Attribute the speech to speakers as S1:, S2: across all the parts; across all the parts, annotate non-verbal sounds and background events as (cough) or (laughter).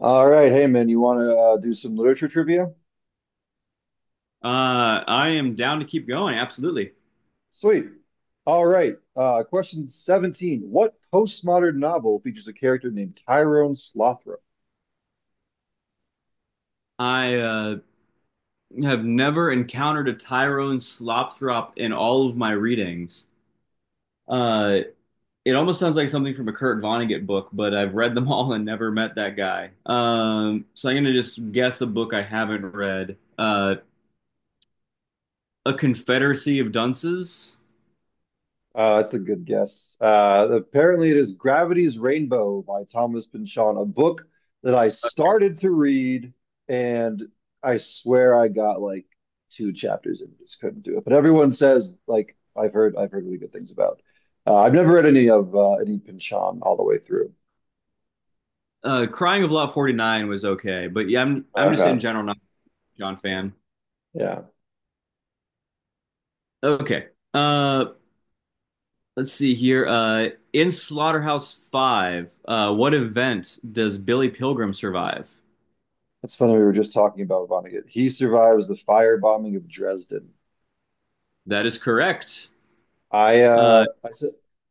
S1: All right, hey man, you want to do some literature trivia?
S2: I am down to keep going. Absolutely.
S1: Sweet. All right, question 17. What postmodern novel features a character named Tyrone Slothrop?
S2: I have never encountered a Tyrone Slopthrop in all of my readings. Uh, it almost sounds like something from a Kurt Vonnegut book, but I've read them (laughs) all and never met that guy. So I'm going to just guess a book I haven't read. A Confederacy of Dunces.
S1: That's a good guess. Apparently, it is Gravity's Rainbow by Thomas Pynchon, a book that I started to read, and I swear I got like two chapters and just couldn't do it. But everyone says like I've heard really good things about. I've never read any of any Pynchon all the way through.
S2: Crying of Lot 49 was okay, but yeah, I'm I'm just in
S1: Okay.
S2: general not a John fan.
S1: Yeah,
S2: Okay. Uh, Let's see here. In Slaughterhouse Five, what event does Billy Pilgrim survive?
S1: that's funny. We were just talking about Vonnegut. He survives the firebombing of Dresden.
S2: That is correct.
S1: I
S2: Uh,
S1: uh I s-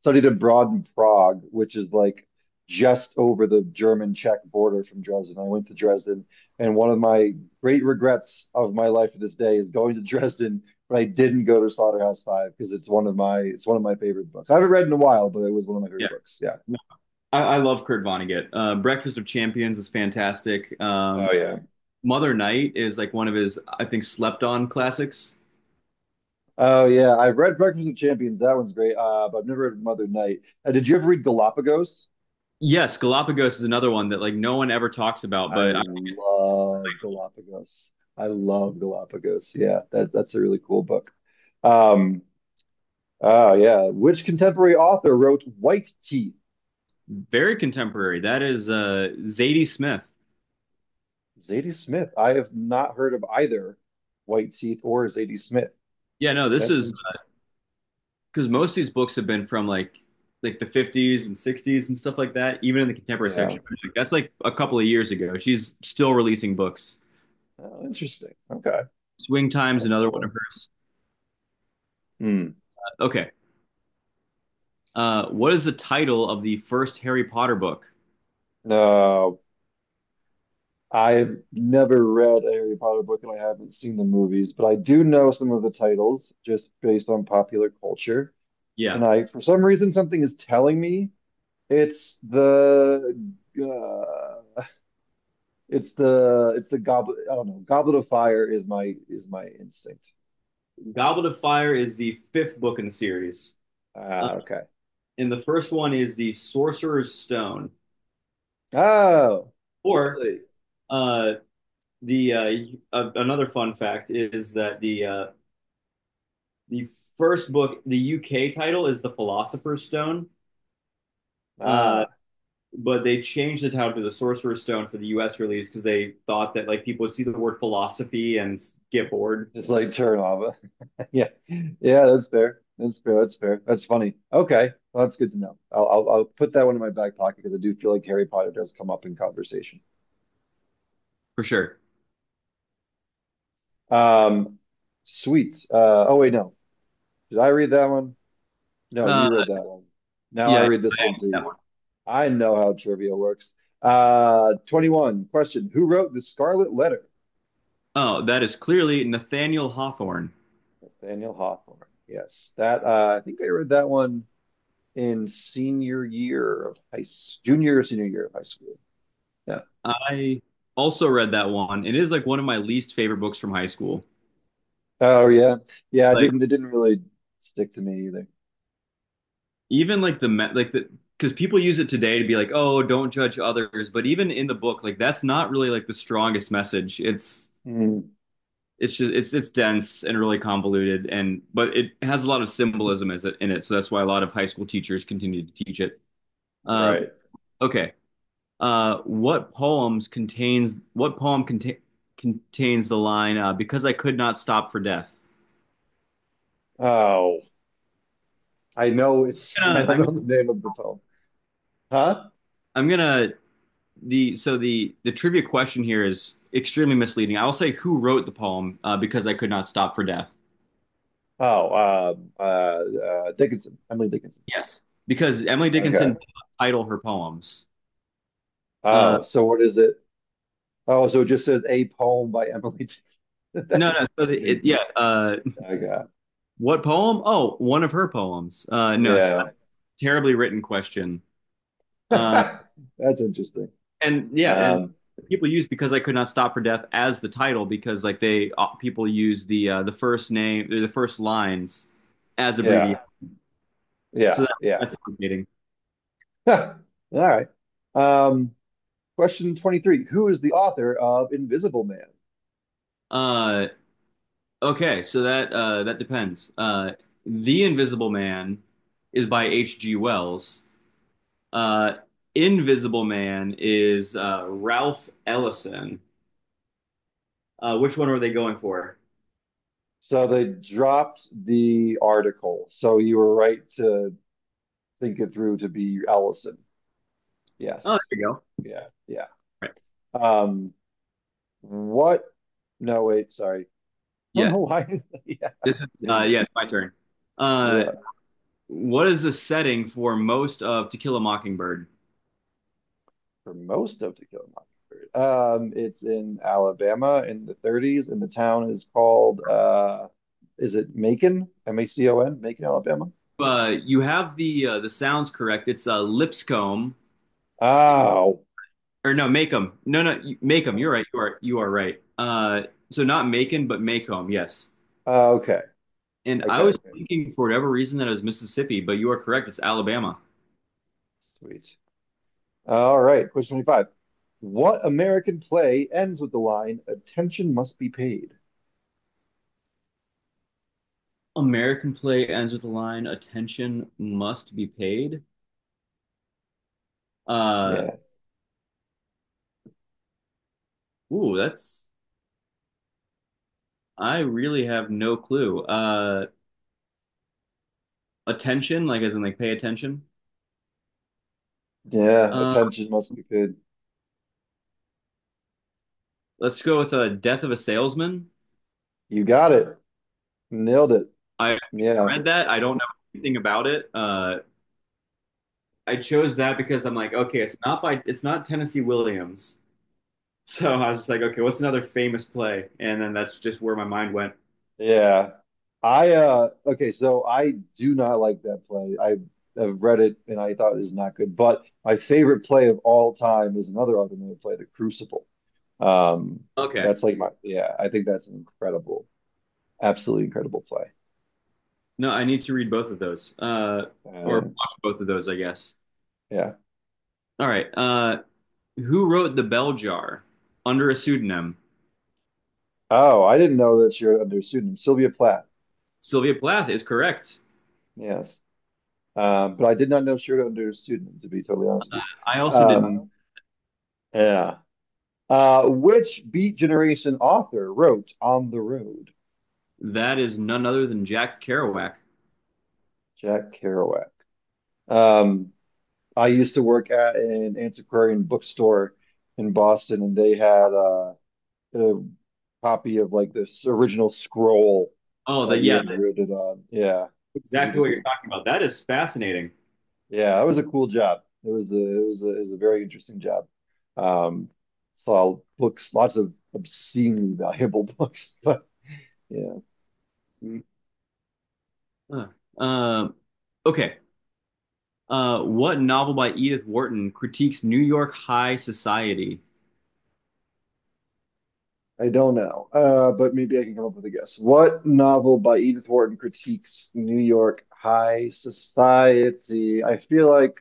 S1: studied abroad in Prague, which is like just over the German-Czech border from Dresden. I went to Dresden, and one of my great regrets of my life to this day is going to Dresden, but I didn't go to Slaughterhouse Five because it's one of my favorite books. I haven't read in a while, but it was one of my
S2: yeah,
S1: favorite books. Yeah.
S2: No, I love Kurt Vonnegut. Breakfast of Champions is fantastic.
S1: Oh yeah.
S2: Mother Night is like one of his, I think, slept on classics.
S1: Oh yeah. I've read Breakfast of Champions. That one's great. But I've never read Mother Night. Did you ever read Galapagos?
S2: Yes, Galapagos is another one that like no one ever talks about,
S1: I
S2: but I,
S1: love Galapagos. I love Galapagos. Yeah, that's a really cool book. Um, oh yeah. Which contemporary author wrote White Teeth?
S2: very contemporary. That is Zadie Smith.
S1: Zadie Smith. I have not heard of either White Teeth or Zadie Smith.
S2: Yeah, no, this
S1: That's
S2: is
S1: interesting.
S2: because most of these books have been from like the 50s and 60s and stuff like that, even in the contemporary
S1: Yeah.
S2: section. Like, that's like a couple of years ago, she's still releasing books.
S1: Oh, interesting. Okay.
S2: Swing time's
S1: That's
S2: another one of
S1: cool.
S2: hers.
S1: Hmm.
S2: Okay, what is the title of the first Harry Potter book?
S1: No, I've never read a Harry Potter book and I haven't seen the movies, but I do know some of the titles just based on popular culture.
S2: Yeah,
S1: And I, for some reason, something is telling me it's the uh, it's the goblet. I don't know. Goblet of Fire is my instinct.
S2: goblet of fire is the fifth book in the series. uh,
S1: Ah, okay.
S2: and the first one is the Sorcerer's Stone.
S1: Oh,
S2: Or
S1: really?
S2: uh, the Another fun fact is that the first book, the UK title, is the Philosopher's Stone. Uh,
S1: Ah,
S2: but they changed the title to the Sorcerer's Stone for the U.S. release because they thought that like people would see the word philosophy and get bored.
S1: just like turn off. (laughs) Yeah, yeah. That's fair. That's fair. That's fair. That's funny. Okay, well, that's good to know. I'll put that one in my back pocket because I do feel like Harry Potter does come up in conversation.
S2: For sure.
S1: Um, sweet. Oh wait, no. Did I read that one? No,
S2: Uh,
S1: you read that one. Now I
S2: yeah,
S1: read this one to
S2: that
S1: you.
S2: one.
S1: I know how trivia works. 21 question. Who wrote The Scarlet Letter?
S2: Oh, that is clearly Nathaniel Hawthorne.
S1: Nathaniel Hawthorne. Yes, that I think I read that one in senior year of junior or senior year of high school. Yeah.
S2: I also read that one. It is like one of my least favorite books from high school.
S1: Oh yeah, yeah. I
S2: Like
S1: didn't. It didn't really stick to me either.
S2: even like the because people use it today to be like, oh, don't judge others. But even in the book, like that's not really like the strongest message.
S1: Hmm.
S2: It's just it's dense and really convoluted, and but it has a lot of symbolism as it, in it, so that's why a lot of high school teachers continue to teach it. uh,
S1: Right.
S2: okay what poem contains the line because I could not stop for death?
S1: Oh, I know it's. (laughs) I
S2: I'm
S1: don't
S2: I'm,
S1: know the name of the poem. Huh?
S2: I'm gonna the so the trivia question here is extremely misleading. I will say, who wrote the poem because I could not stop for death?
S1: Oh, Dickinson. Emily Dickinson.
S2: Yes, because Emily Dickinson
S1: Okay.
S2: did not title her poems. Uh,
S1: Oh, so what is it? Oh, so it just says a poem by Emily. (laughs)
S2: no
S1: That's,
S2: no so the, it, yeah
S1: I got,
S2: What poem? Oh, one of her poems. No, it's not
S1: yeah.
S2: a terribly written question.
S1: (laughs)
S2: Uh,
S1: That's interesting.
S2: and yeah, and
S1: Um,
S2: People use because I could not stop for death as the title because like they people use the first name, the first lines, as abbreviation.
S1: yeah,
S2: So
S1: yeah,
S2: that,
S1: yeah.
S2: that's complicating.
S1: (laughs) All right. Um, question 23. Who is the author of Invisible Man?
S2: Uh, okay, so that that depends. The Invisible Man is by H.G. Wells. Uh, Invisible Man is Ralph Ellison. Which one were they going for?
S1: So they dropped the article. So you were right to think it through to be Ellison.
S2: Oh,
S1: Yes.
S2: there you go.
S1: Yeah, yeah.
S2: Right.
S1: Um, what? No, wait, sorry. (laughs) I don't
S2: Yeah.
S1: know why. (laughs) Yeah.
S2: It's my turn. Uh
S1: Yeah.
S2: what is the setting for most of To Kill a Mockingbird?
S1: For most of To Kill a Mockingbird. It's in Alabama in the 30s, and the town is called is it Macon? M A C O N, Macon, Alabama.
S2: You have the sounds correct. It's Lipscomb,
S1: Oh,
S2: or no, Macomb. No, no, you- Macomb. You're right. You are right. So not Macon but Macomb, yes.
S1: uh, okay,
S2: And I
S1: okay,
S2: was
S1: okay.
S2: thinking for whatever reason that it was Mississippi, but you are correct. It's Alabama.
S1: Sweet. All right. Question 25. What American play ends with the line "Attention must be paid"?
S2: American play ends with the line attention must be paid. Uh
S1: Yeah,
S2: ooh, that's I really have no clue. Attention, like as in like pay attention.
S1: yeah.
S2: Uh,
S1: Attention must be paid.
S2: let's go with Death of a Salesman.
S1: You got it. Nailed it.
S2: I
S1: Yeah.
S2: read that. I don't know anything about it. I chose that because I'm like, okay, it's not Tennessee Williams. (laughs) So I was just like, okay, what's another famous play? And then that's just where my mind went.
S1: Yeah. I okay, so I do not like that play. I have read it and I thought it is not good. But my favorite play of all time is another automated play, The Crucible. Um,
S2: Okay,
S1: that's like my yeah, I think that's an incredible, absolutely incredible play.
S2: no, I need to read both of those, or
S1: Uh,
S2: watch both of those, I guess.
S1: yeah.
S2: All right. Who wrote The Bell Jar under a pseudonym?
S1: Oh, I didn't know that Shirley under student. Sylvia Plath.
S2: Sylvia Plath is correct.
S1: Yes. But I did not know Shirley under student, to be totally honest with
S2: I
S1: you.
S2: also did.
S1: Um, yeah. Which Beat Generation author wrote On the Road?
S2: That is none other than Jack Kerouac.
S1: Jack Kerouac. Um, I used to work at an antiquarian bookstore in Boston, and they had a copy of like this original scroll that he had
S2: That's
S1: written on. Yeah, because he
S2: exactly
S1: just
S2: what you're
S1: like
S2: talking about. That is fascinating.
S1: yeah, that was a cool job. It was a, it was a very interesting job. Um, saw books, lots of obscenely valuable (laughs) books, but yeah.
S2: Mm, uh, uh, okay. What novel by Edith Wharton critiques New York high society?
S1: I don't know, but maybe I can come up with a guess. What novel by Edith Wharton critiques New York high society? I feel like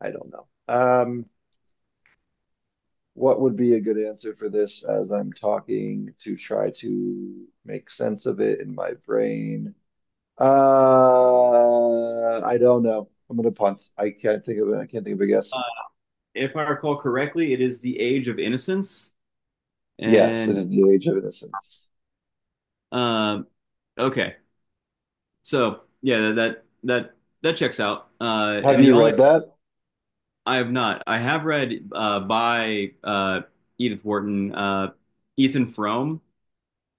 S1: I don't know. What would be a good answer for this as I'm talking to try to make sense of it in my brain? I don't know. I'm gonna punt. I can't think of it. I can't think of a guess.
S2: Uh, if I recall correctly, it is The Age of Innocence.
S1: Yes, it
S2: And
S1: is The Age of Innocence.
S2: uh, okay, so yeah, that checks out.
S1: Have
S2: And the
S1: you
S2: only,
S1: read that?
S2: I have not, I have read by Edith Wharton, Ethan Frome.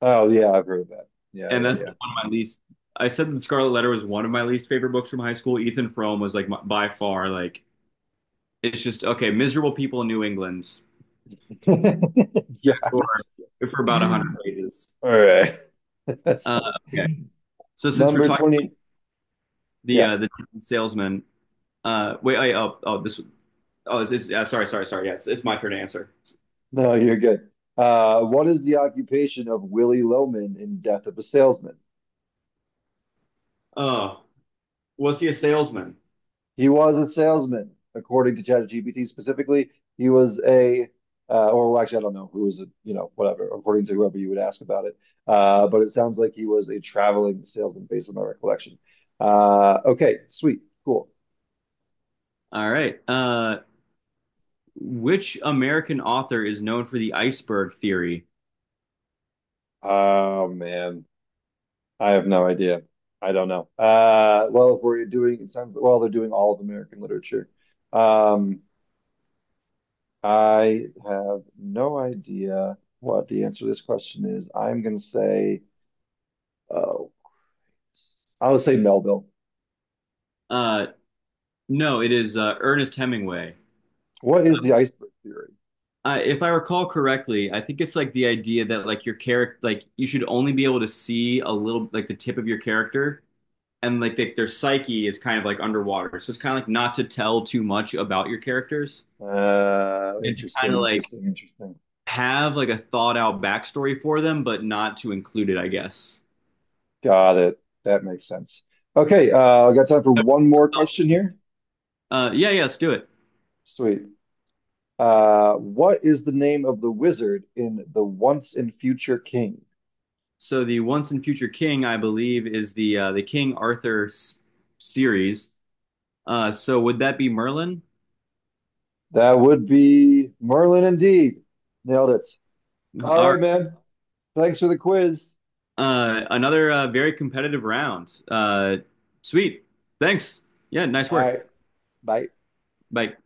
S1: Oh yeah, I've read that. Yeah,
S2: And that's
S1: yeah,
S2: one of my least. I said the Scarlet Letter was one of my least favorite books from high school. Ethan Frome was like my, by far like it's just okay. Miserable people in New England
S1: yeah. (laughs) Yeah.
S2: for about a hundred
S1: (laughs)
S2: pages.
S1: All right. (laughs) That's
S2: Uh,
S1: funny.
S2: okay, so since we're
S1: Number
S2: talking
S1: 20.
S2: the
S1: Yeah.
S2: uh, the salesman, wait, I, oh oh this oh it's, sorry sorry sorry, yeah it's my turn to answer.
S1: No, you're good. What is the occupation of Willy Loman in Death of a Salesman?
S2: Oh, was he a salesman?
S1: He was a salesman, according to ChatGPT specifically. He was a, or well, actually, I don't know who was a, you know, whatever, according to whoever you would ask about it. But it sounds like he was a traveling salesman based on my recollection. Okay, sweet, cool.
S2: All right. Which American author is known for the iceberg theory?
S1: Oh man. I have no idea. I don't know. Well, if we're doing, it sounds well, they're doing all of American literature. Um, I have no idea what the answer to this question is. I'm going to say, oh, I'll say Melville.
S2: Uh, no, it is Ernest Hemingway.
S1: What is the iceberg theory?
S2: If I recall correctly, I think it's like the idea that like your character, like you should only be able to see a little, like the tip of your character, and like the, their psyche is kind of like underwater. So it's kind of like not to tell too much about your characters, and to
S1: Interesting,
S2: kind of like
S1: interesting, interesting.
S2: have like a thought out backstory for them, but not to include it, I guess.
S1: Got it. That makes sense. Okay, I got time for one more question here.
S2: Yeah, let's do it.
S1: Sweet. What is the name of the wizard in The Once and Future King?
S2: So the Once and Future King, I believe, is the King Arthur s- series. So would that be Merlin?
S1: That would be Merlin indeed. Nailed it. All
S2: All
S1: right, man. Thanks for the quiz.
S2: Another very competitive round. Sweet. Thanks. Yeah, nice
S1: All
S2: work.
S1: right. Bye.
S2: Bye.